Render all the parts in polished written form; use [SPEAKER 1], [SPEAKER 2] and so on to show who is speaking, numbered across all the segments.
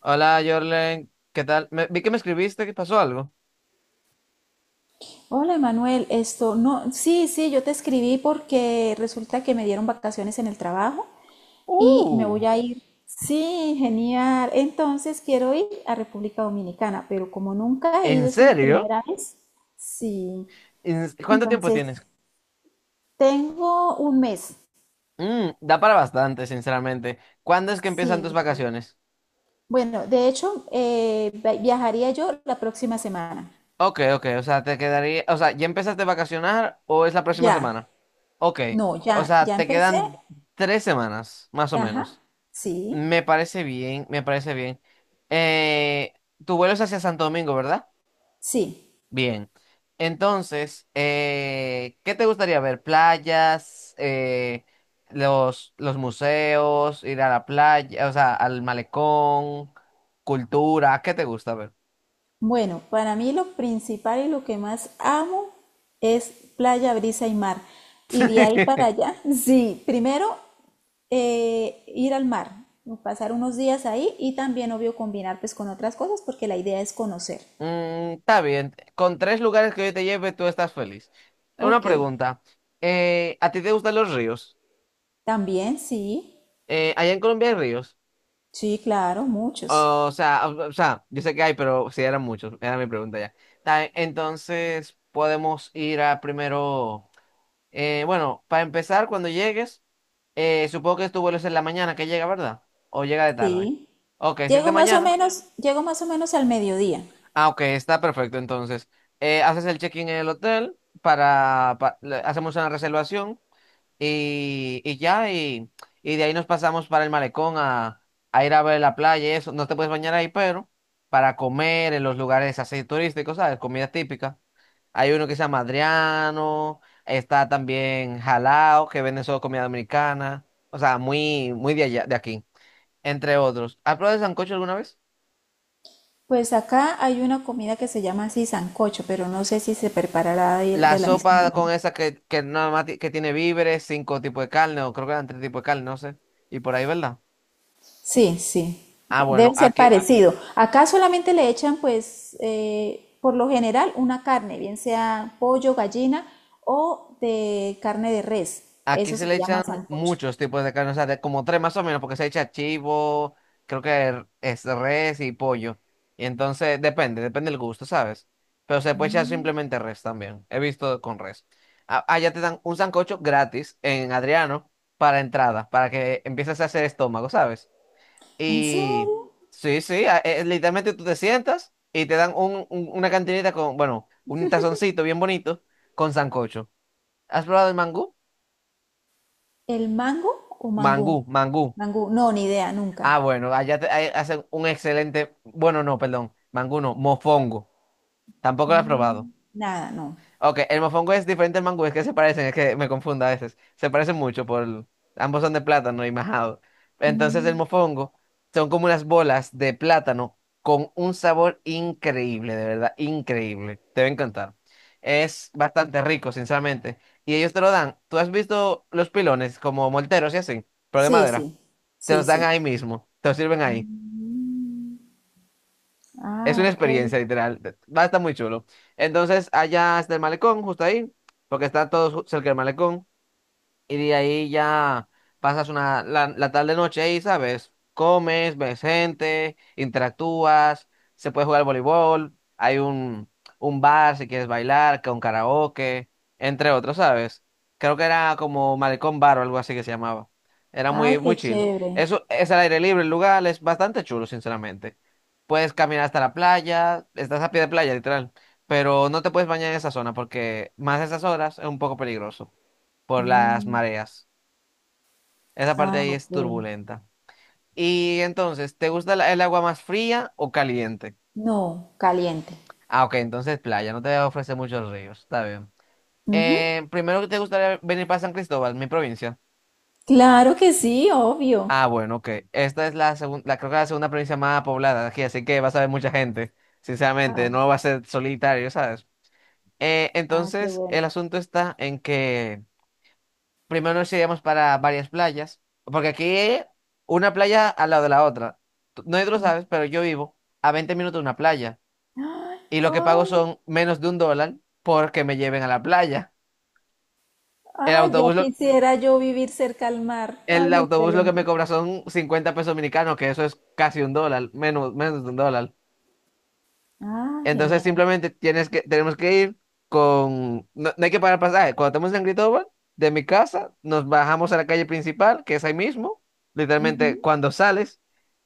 [SPEAKER 1] Hola, Jorlen, ¿qué tal? Vi que me escribiste, ¿qué pasó algo?
[SPEAKER 2] Hola Manuel, esto no, sí, sí, yo te escribí porque resulta que me dieron vacaciones en el trabajo y me
[SPEAKER 1] Uh,
[SPEAKER 2] voy a ir. Sí, genial. Entonces quiero ir a República Dominicana, pero como nunca he ido,
[SPEAKER 1] ¿En
[SPEAKER 2] es mi
[SPEAKER 1] serio?
[SPEAKER 2] primera vez. Sí,
[SPEAKER 1] ¿Cuánto tiempo
[SPEAKER 2] entonces
[SPEAKER 1] tienes?
[SPEAKER 2] tengo un mes.
[SPEAKER 1] Da para bastante, sinceramente. ¿Cuándo es que empiezan tus
[SPEAKER 2] Sí, sí.
[SPEAKER 1] vacaciones?
[SPEAKER 2] Bueno, de hecho, viajaría yo la próxima semana.
[SPEAKER 1] Ok, ok, o sea, te quedaría, o sea, ¿ya empezaste a vacacionar o es la próxima
[SPEAKER 2] Ya,
[SPEAKER 1] semana? Ok,
[SPEAKER 2] no,
[SPEAKER 1] o
[SPEAKER 2] ya,
[SPEAKER 1] sea,
[SPEAKER 2] ya
[SPEAKER 1] te
[SPEAKER 2] empecé.
[SPEAKER 1] quedan 3 semanas, más o menos.
[SPEAKER 2] Ajá, sí,
[SPEAKER 1] Me parece bien, me parece bien. Eh, Tu vuelo es hacia Santo Domingo, ¿verdad?
[SPEAKER 2] sí.
[SPEAKER 1] Bien. Entonces, ¿qué te gustaría ver? ¿Playas? Los museos, ir a la playa, o sea, al malecón, cultura, ¿qué te gusta ver?
[SPEAKER 2] Bueno, para mí lo principal y lo que más amo es playa, brisa y mar. Y de ahí para allá, sí, primero ir al mar, pasar unos días ahí y también, obvio, combinar pues con otras cosas porque la idea es conocer.
[SPEAKER 1] Está bien. Con tres lugares que yo te lleve, tú estás feliz. Una
[SPEAKER 2] Ok,
[SPEAKER 1] pregunta. ¿A ti te gustan los ríos?
[SPEAKER 2] también sí,
[SPEAKER 1] ¿Allá en Colombia hay ríos?
[SPEAKER 2] sí, claro, muchos,
[SPEAKER 1] O sea, o sea, yo sé que hay, pero sí eran muchos. Era mi pregunta ya. Entonces, podemos ir a primero. Bueno, para empezar, cuando llegues, supongo que tu vuelo es en la mañana que llega, ¿verdad? O llega de tarde.
[SPEAKER 2] sí.
[SPEAKER 1] Ok, si es de mañana.
[SPEAKER 2] Llego más o menos al mediodía.
[SPEAKER 1] Ah, ok, está perfecto. Entonces, haces el check-in en el hotel para, hacemos una reservación. Y ya, y de ahí nos pasamos para el malecón a ir a ver la playa y eso. No te puedes bañar ahí, pero para comer en los lugares así turísticos, ¿sabes? Comida típica. Hay uno que se llama Adriano, está también Jalao, que vende solo comida dominicana. O sea, muy, muy de allá, de aquí, entre otros. ¿Has probado el sancocho alguna vez?
[SPEAKER 2] Pues acá hay una comida que se llama así sancocho, pero no sé si se preparará de
[SPEAKER 1] La
[SPEAKER 2] de la misma
[SPEAKER 1] sopa
[SPEAKER 2] manera.
[SPEAKER 1] con esa que nada más que tiene víveres, cinco tipos de carne, o creo que eran tres tipos de carne, no sé. Y por ahí, ¿verdad?
[SPEAKER 2] Sí, sí,
[SPEAKER 1] Ah, bueno,
[SPEAKER 2] debe ser
[SPEAKER 1] aquí.
[SPEAKER 2] parecido. Acá solamente le echan, pues, por lo general, una carne, bien sea pollo, gallina o de carne de res.
[SPEAKER 1] Aquí
[SPEAKER 2] Eso
[SPEAKER 1] se
[SPEAKER 2] se
[SPEAKER 1] le
[SPEAKER 2] llama
[SPEAKER 1] echan
[SPEAKER 2] sancocho.
[SPEAKER 1] muchos tipos de carne, o sea, de como tres más o menos, porque se echa chivo, creo que es res y pollo. Y entonces depende, depende del gusto, ¿sabes? Pero se puede echar simplemente res también. He visto con res. Allá te dan un sancocho gratis en Adriano para entrada, para que empieces a hacer estómago, ¿sabes?
[SPEAKER 2] ¿En
[SPEAKER 1] Y
[SPEAKER 2] serio?
[SPEAKER 1] sí, sí, literalmente tú te sientas y te dan una cantinita con, bueno, un tazoncito bien bonito con sancocho. ¿Has probado el mangú?
[SPEAKER 2] ¿El mango o mangú?
[SPEAKER 1] Mangú, mangú.
[SPEAKER 2] Mangú, no, ni idea, nunca.
[SPEAKER 1] Ah, bueno, allá ahí hacen un excelente, bueno, no, perdón, mango no, mofongo. Tampoco lo he probado.
[SPEAKER 2] Nada, no.
[SPEAKER 1] Ok, el mofongo es diferente al mango, es que se parecen, es que me confundo a veces. Se parecen mucho por, ambos son de plátano y majado. Entonces el mofongo son como unas bolas de plátano con un sabor increíble, de verdad, increíble. Te va a encantar. Es bastante rico, sinceramente. Y ellos te lo dan. ¿Tú has visto los pilones como molteros y así? Pero de
[SPEAKER 2] Sí,
[SPEAKER 1] madera.
[SPEAKER 2] sí,
[SPEAKER 1] Te
[SPEAKER 2] sí,
[SPEAKER 1] los dan
[SPEAKER 2] sí.
[SPEAKER 1] ahí mismo, te los sirven ahí. Es
[SPEAKER 2] Ah,
[SPEAKER 1] una
[SPEAKER 2] ok.
[SPEAKER 1] experiencia, literal. Va a estar muy chulo. Entonces, allá está el malecón, justo ahí, porque están todos cerca del malecón. Y de ahí ya pasas la tarde noche ahí, ¿sabes? Comes, ves gente, interactúas, se puede jugar voleibol, hay un bar si quieres bailar, con karaoke, entre otros, ¿sabes? Creo que era como Malecón Bar o algo así que se llamaba. Era
[SPEAKER 2] Ay,
[SPEAKER 1] muy,
[SPEAKER 2] qué
[SPEAKER 1] muy chill.
[SPEAKER 2] chévere.
[SPEAKER 1] Eso es al aire libre, el lugar es bastante chulo, sinceramente. Puedes caminar hasta la playa, estás a pie de playa, literal, pero no te puedes bañar en esa zona porque más a esas horas es un poco peligroso por las
[SPEAKER 2] Mm.
[SPEAKER 1] mareas. Esa parte
[SPEAKER 2] Ah,
[SPEAKER 1] ahí es
[SPEAKER 2] ok.
[SPEAKER 1] turbulenta. Y entonces, ¿te gusta el agua más fría o caliente?
[SPEAKER 2] No, caliente.
[SPEAKER 1] Ah, ok, entonces playa, no te ofrece muchos ríos, está bien.
[SPEAKER 2] Ujú.
[SPEAKER 1] Primero que te gustaría venir para San Cristóbal, mi provincia.
[SPEAKER 2] Claro que sí, obvio.
[SPEAKER 1] Ah, bueno, ok. Esta es la segunda, creo que la segunda provincia más poblada de aquí, así que vas a ver mucha gente, sinceramente,
[SPEAKER 2] Ah,
[SPEAKER 1] no va a ser solitario, ¿sabes?
[SPEAKER 2] ah, qué
[SPEAKER 1] Entonces,
[SPEAKER 2] bueno.
[SPEAKER 1] el asunto está en que primero nos iríamos para varias playas, porque aquí una playa al lado de la otra. No tú lo
[SPEAKER 2] Mm.
[SPEAKER 1] sabes, pero yo vivo a 20 minutos de una playa
[SPEAKER 2] Ay,
[SPEAKER 1] y lo que pago
[SPEAKER 2] au.
[SPEAKER 1] son menos de un dólar porque me lleven a la playa. El
[SPEAKER 2] Ay, ya
[SPEAKER 1] autobús lo,
[SPEAKER 2] quisiera yo vivir cerca al mar.
[SPEAKER 1] el
[SPEAKER 2] Ay,
[SPEAKER 1] autobús lo que
[SPEAKER 2] excelente.
[SPEAKER 1] me cobra son 50 pesos dominicanos, que eso es casi un dólar, menos, menos de un dólar.
[SPEAKER 2] Ah,
[SPEAKER 1] Entonces
[SPEAKER 2] genial.
[SPEAKER 1] simplemente tenemos que ir con... No, no hay que pagar pasaje. Cuando estamos en San Cristóbal, de mi casa, nos bajamos a la calle principal, que es ahí mismo, literalmente
[SPEAKER 2] Ujú.
[SPEAKER 1] cuando sales.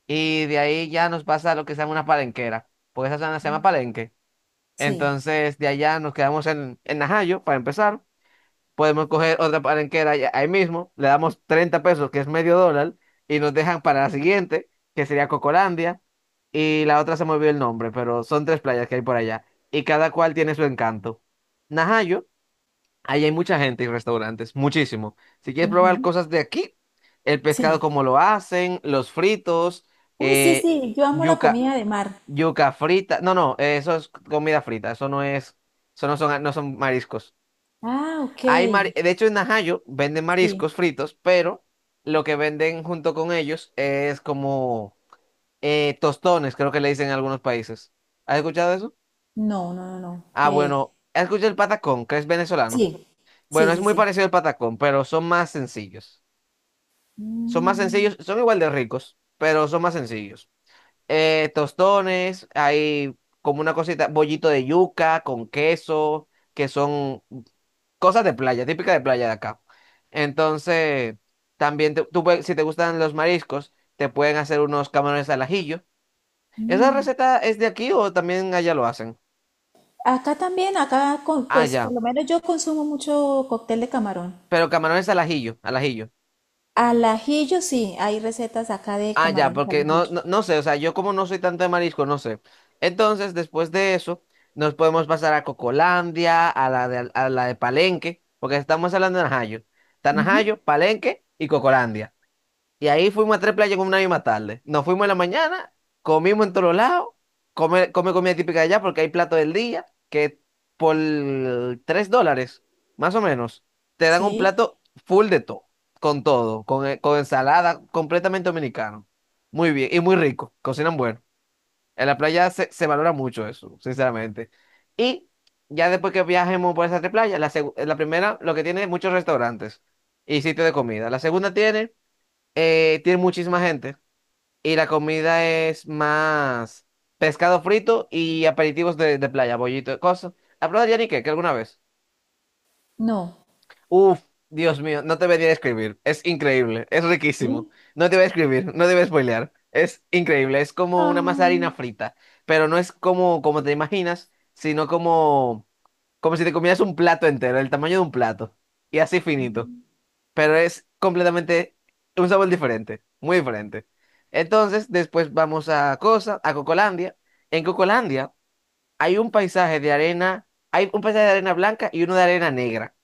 [SPEAKER 1] Y de ahí ya nos pasa a lo que se llama una palenquera, porque esa zona se llama palenque.
[SPEAKER 2] Sí.
[SPEAKER 1] Entonces, de allá nos quedamos en Najayo para empezar. Podemos coger otra palenquera ahí mismo, le damos 30 pesos, que es medio dólar, y nos dejan para la siguiente, que sería Cocolandia. Y la otra se me olvidó el nombre, pero son tres playas que hay por allá, y cada cual tiene su encanto. Najayo ahí hay mucha gente y restaurantes, muchísimo. Si quieres probar
[SPEAKER 2] Ujú.
[SPEAKER 1] cosas de aquí, el pescado
[SPEAKER 2] Sí.
[SPEAKER 1] como lo hacen, los fritos,
[SPEAKER 2] Uy, sí,
[SPEAKER 1] eh,
[SPEAKER 2] sí, yo amo la
[SPEAKER 1] yuca,
[SPEAKER 2] comida de mar.
[SPEAKER 1] yuca frita. No, no, eso es comida frita, eso no es, eso no son, no son mariscos.
[SPEAKER 2] Ah, ok.
[SPEAKER 1] De hecho, en Najayo venden
[SPEAKER 2] Sí.
[SPEAKER 1] mariscos fritos, pero lo que venden junto con ellos es como tostones, creo que le dicen en algunos países. ¿Has escuchado eso?
[SPEAKER 2] No, no, no, no.
[SPEAKER 1] Ah,
[SPEAKER 2] ¿Qué es?
[SPEAKER 1] bueno, ¿has escuchado el patacón, que es venezolano?
[SPEAKER 2] Sí, sí,
[SPEAKER 1] Bueno, es
[SPEAKER 2] sí,
[SPEAKER 1] muy
[SPEAKER 2] sí.
[SPEAKER 1] parecido al patacón, pero son más sencillos. Son más
[SPEAKER 2] Mm.
[SPEAKER 1] sencillos, son igual de ricos, pero son más sencillos. Tostones, hay como una cosita, bollito de yuca con queso, que son cosas de playa, típica de playa de acá. Entonces, también tú, si te gustan los mariscos, te pueden hacer unos camarones al ajillo. ¿Esa receta es de aquí o también allá lo hacen?
[SPEAKER 2] Acá también, acá,
[SPEAKER 1] Ah,
[SPEAKER 2] pues por
[SPEAKER 1] ya.
[SPEAKER 2] lo menos yo consumo mucho cóctel de camarón.
[SPEAKER 1] Pero camarones al ajillo, al ajillo.
[SPEAKER 2] Al ajillo, sí, hay recetas acá de
[SPEAKER 1] Ah, ya,
[SPEAKER 2] camarones al
[SPEAKER 1] porque no,
[SPEAKER 2] ajillo.
[SPEAKER 1] no, no sé, o sea, yo como no soy tanto de marisco, no sé. Entonces, después de eso, nos podemos pasar a Cocolandia, a la de Palenque, porque estamos hablando de Najayo. Está Najayo, Palenque y Cocolandia. Y ahí fuimos a tres playas con una misma tarde. Nos fuimos en la mañana, comimos en todos lados, come, come comida típica de allá porque hay plato del día que por 3 dólares, más o menos, te dan un
[SPEAKER 2] ¿Sí?
[SPEAKER 1] plato full de todo, con todo, con ensalada, completamente dominicano. Muy bien y muy rico, cocinan bueno. En la playa se valora mucho eso, sinceramente. Y ya después que viajemos por esas tres playas, la primera lo que tiene es muchos restaurantes y sitios de comida. La segunda tiene muchísima gente y la comida es más pescado frito y aperitivos de playa, bollito, cosas. ¿Has probado yanique que alguna vez?
[SPEAKER 2] No.
[SPEAKER 1] Uf, Dios mío, no te voy a describir. Es increíble, es riquísimo.
[SPEAKER 2] ¿Sí?
[SPEAKER 1] No te voy a describir, no te voy a spoilear. Es increíble, es como una masa de harina
[SPEAKER 2] Am.
[SPEAKER 1] frita, pero no es como te imaginas, sino como si te comieras un plato entero, el tamaño de un plato y así finito. Pero es completamente un sabor diferente, muy diferente. Entonces, después vamos a Cocolandia. En Cocolandia hay un paisaje de arena blanca y uno de arena negra.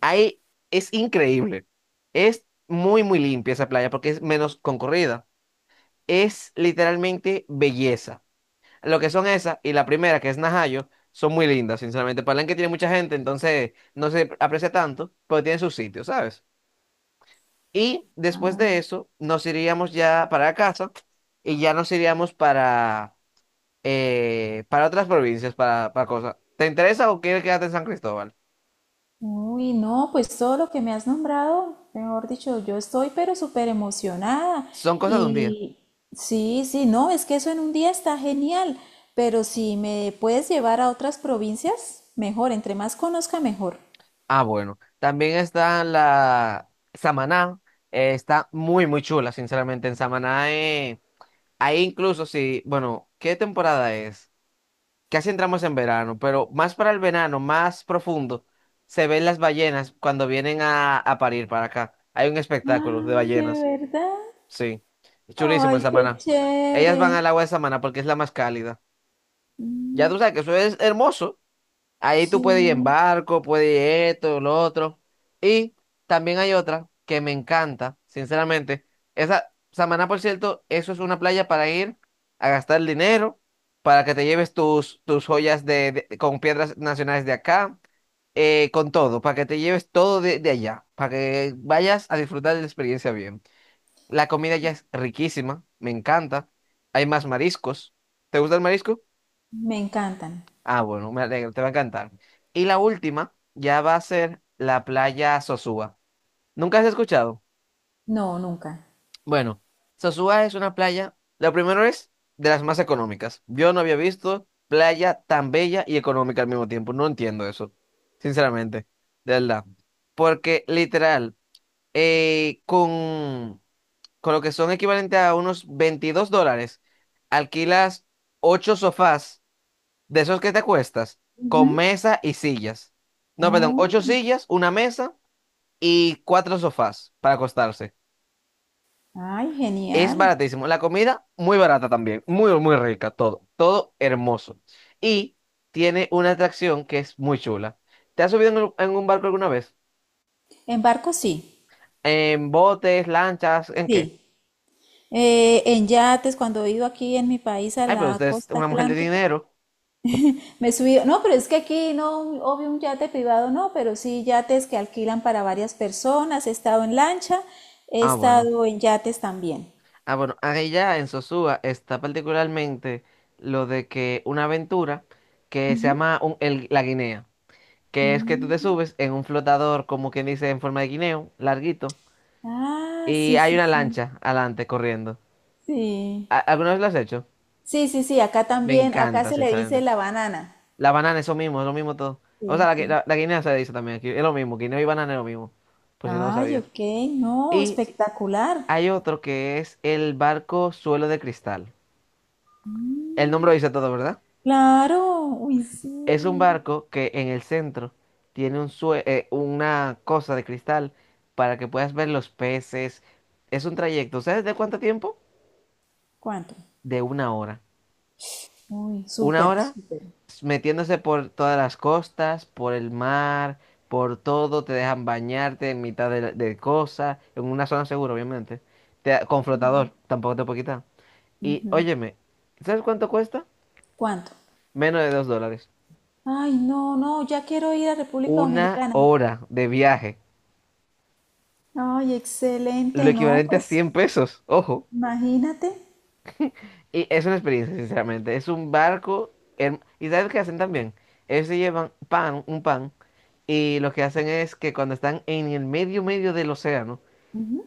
[SPEAKER 1] Ahí es increíble. Es muy, muy limpia esa playa porque es menos concurrida. Es literalmente belleza. Lo que son esas y la primera, que es Najayo, son muy lindas, sinceramente. Palenque tiene mucha gente, entonces no se aprecia tanto, pero tiene sus sitios, ¿sabes? Y después de eso, nos iríamos ya para casa y ya nos iríamos para otras provincias, para cosas. ¿Te interesa o quieres quedarte en San Cristóbal?
[SPEAKER 2] Uy, no, pues todo lo que me has nombrado, mejor dicho, yo estoy pero súper emocionada.
[SPEAKER 1] Son cosas de un día.
[SPEAKER 2] Y sí, sí, no, es que eso en un día está genial, pero si me puedes llevar a otras provincias, mejor, entre más conozca, mejor.
[SPEAKER 1] Ah, bueno. También está la Samaná. Está muy, muy chula, sinceramente. En Samaná, ahí incluso si, bueno, ¿qué temporada es? Casi entramos en verano, pero más para el verano, más profundo, se ven las ballenas cuando vienen a parir para acá. Hay un espectáculo de
[SPEAKER 2] Ay, ¿de
[SPEAKER 1] ballenas,
[SPEAKER 2] verdad?
[SPEAKER 1] sí. Es chulísimo
[SPEAKER 2] Ay,
[SPEAKER 1] en
[SPEAKER 2] qué
[SPEAKER 1] Samaná. Ellas van
[SPEAKER 2] chévere.
[SPEAKER 1] al agua de Samaná porque es la más cálida. Ya tú sabes que eso es hermoso. Ahí
[SPEAKER 2] Sí,
[SPEAKER 1] tú puedes ir en barco, puedes ir esto, lo otro. Y también hay otra que me encanta, sinceramente. Esa, Samaná, por cierto, eso es una playa para ir a gastar el dinero, para que te lleves tus joyas con piedras nacionales de acá, con todo, para que te lleves todo de allá, para que vayas a disfrutar de la experiencia bien. La comida ya es riquísima, me encanta. Hay más mariscos. ¿Te gusta el marisco?
[SPEAKER 2] me encantan.
[SPEAKER 1] Ah, bueno, me alegro, te va a encantar. Y la última ya va a ser la playa Sosúa. ¿Nunca has escuchado?
[SPEAKER 2] No, nunca.
[SPEAKER 1] Bueno, Sosúa es una playa, lo primero es de las más económicas. Yo no había visto playa tan bella y económica al mismo tiempo. No entiendo eso, sinceramente, de verdad. Porque literal, eh, con, con lo que son equivalente a unos 22 dólares, alquilas 8 sofás de esos que te acuestas, con
[SPEAKER 2] Ujú.
[SPEAKER 1] mesa y sillas. No, perdón,
[SPEAKER 2] Oh,
[SPEAKER 1] ocho sillas, una mesa y cuatro sofás para acostarse.
[SPEAKER 2] ay,
[SPEAKER 1] Es
[SPEAKER 2] genial.
[SPEAKER 1] baratísimo. La comida, muy barata también. Muy, muy rica, todo. Todo hermoso. Y tiene una atracción que es muy chula. ¿Te has subido en un barco alguna vez?
[SPEAKER 2] En barco sí,
[SPEAKER 1] ¿En botes, lanchas, en qué?
[SPEAKER 2] sí. En yates, cuando he ido aquí en mi país a
[SPEAKER 1] Ay, pero
[SPEAKER 2] la
[SPEAKER 1] usted es
[SPEAKER 2] costa
[SPEAKER 1] una mujer de
[SPEAKER 2] atlántica,
[SPEAKER 1] dinero.
[SPEAKER 2] me he subido. No, pero es que aquí no, obvio un yate privado no, pero sí yates que alquilan para varias personas. He estado en lancha, he
[SPEAKER 1] Ah, bueno.
[SPEAKER 2] estado en yates también.
[SPEAKER 1] Ah, bueno, ahí ya en Sosúa está particularmente lo de que una aventura que se llama la guinea, que es que tú te
[SPEAKER 2] Mm.
[SPEAKER 1] subes en un flotador, como quien dice, en forma de guineo, larguito,
[SPEAKER 2] Ah,
[SPEAKER 1] y
[SPEAKER 2] sí,
[SPEAKER 1] hay
[SPEAKER 2] sí,
[SPEAKER 1] una
[SPEAKER 2] sí,
[SPEAKER 1] lancha adelante corriendo.
[SPEAKER 2] sí.
[SPEAKER 1] ¿Alguna vez lo has hecho?
[SPEAKER 2] Sí, sí, sí, acá
[SPEAKER 1] Me
[SPEAKER 2] también, acá
[SPEAKER 1] encanta,
[SPEAKER 2] se le dice
[SPEAKER 1] sinceramente.
[SPEAKER 2] la banana.
[SPEAKER 1] La banana es lo mismo todo. O sea,
[SPEAKER 2] Sí, sí.
[SPEAKER 1] la guinea se dice también aquí, es lo mismo, guineo y banana es lo mismo, por si no lo
[SPEAKER 2] Ay,
[SPEAKER 1] sabías.
[SPEAKER 2] ok, no,
[SPEAKER 1] Y
[SPEAKER 2] espectacular.
[SPEAKER 1] hay otro que es el barco suelo de cristal. El nombre lo dice todo, ¿verdad?
[SPEAKER 2] Claro, uy,
[SPEAKER 1] Es un
[SPEAKER 2] sí.
[SPEAKER 1] barco que en el centro tiene una cosa de cristal para que puedas ver los peces. Es un trayecto. ¿Sabes de cuánto tiempo?
[SPEAKER 2] ¿Cuánto?
[SPEAKER 1] De una hora.
[SPEAKER 2] Uy,
[SPEAKER 1] Una
[SPEAKER 2] súper,
[SPEAKER 1] hora
[SPEAKER 2] súper.
[SPEAKER 1] metiéndose por todas las costas, por el mar, por todo. Te dejan bañarte en mitad de cosas, en una zona segura, obviamente. Con flotador, tampoco te puedo quitar. Y óyeme, ¿sabes cuánto cuesta?
[SPEAKER 2] ¿Cuánto?
[SPEAKER 1] Menos de 2 dólares.
[SPEAKER 2] Ay, no, no, ya quiero ir a República
[SPEAKER 1] Una
[SPEAKER 2] Dominicana.
[SPEAKER 1] hora de viaje.
[SPEAKER 2] Ay,
[SPEAKER 1] Lo
[SPEAKER 2] excelente, no,
[SPEAKER 1] equivalente a
[SPEAKER 2] pues
[SPEAKER 1] 100 pesos, ojo.
[SPEAKER 2] imagínate.
[SPEAKER 1] Y es una experiencia, sinceramente. Es un barco. ¿Y sabes qué hacen también? Ellos se llevan pan, un pan, y lo que hacen es que cuando están en el medio, medio del océano,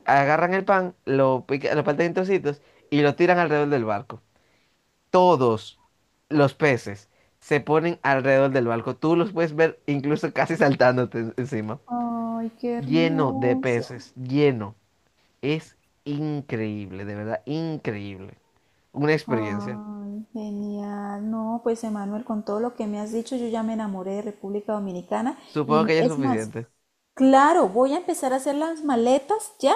[SPEAKER 1] agarran el pan, lo pican, lo parten en trocitos y lo tiran alrededor del barco. Todos los peces se ponen alrededor del barco. Tú los puedes ver incluso casi saltándote encima.
[SPEAKER 2] Ay, qué
[SPEAKER 1] Lleno de
[SPEAKER 2] hermoso.
[SPEAKER 1] peces, lleno. Es increíble, de verdad, increíble. Una experiencia.
[SPEAKER 2] Ay, genial. No, pues Emanuel, con todo lo que me has dicho, yo ya me enamoré de República Dominicana y
[SPEAKER 1] Supongo que ya es
[SPEAKER 2] es más,
[SPEAKER 1] suficiente.
[SPEAKER 2] claro, voy a empezar a hacer las maletas ya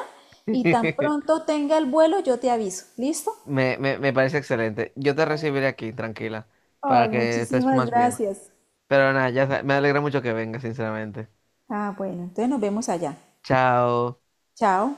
[SPEAKER 2] y tan pronto tenga el vuelo, yo te aviso. ¿Listo?
[SPEAKER 1] Me parece excelente. Yo te recibiré aquí, tranquila,
[SPEAKER 2] Ay,
[SPEAKER 1] para que estés
[SPEAKER 2] muchísimas
[SPEAKER 1] más bien.
[SPEAKER 2] gracias.
[SPEAKER 1] Pero nada, ya me alegra mucho que vengas, sinceramente.
[SPEAKER 2] Ah, bueno, entonces nos vemos allá.
[SPEAKER 1] Chao.
[SPEAKER 2] Chao.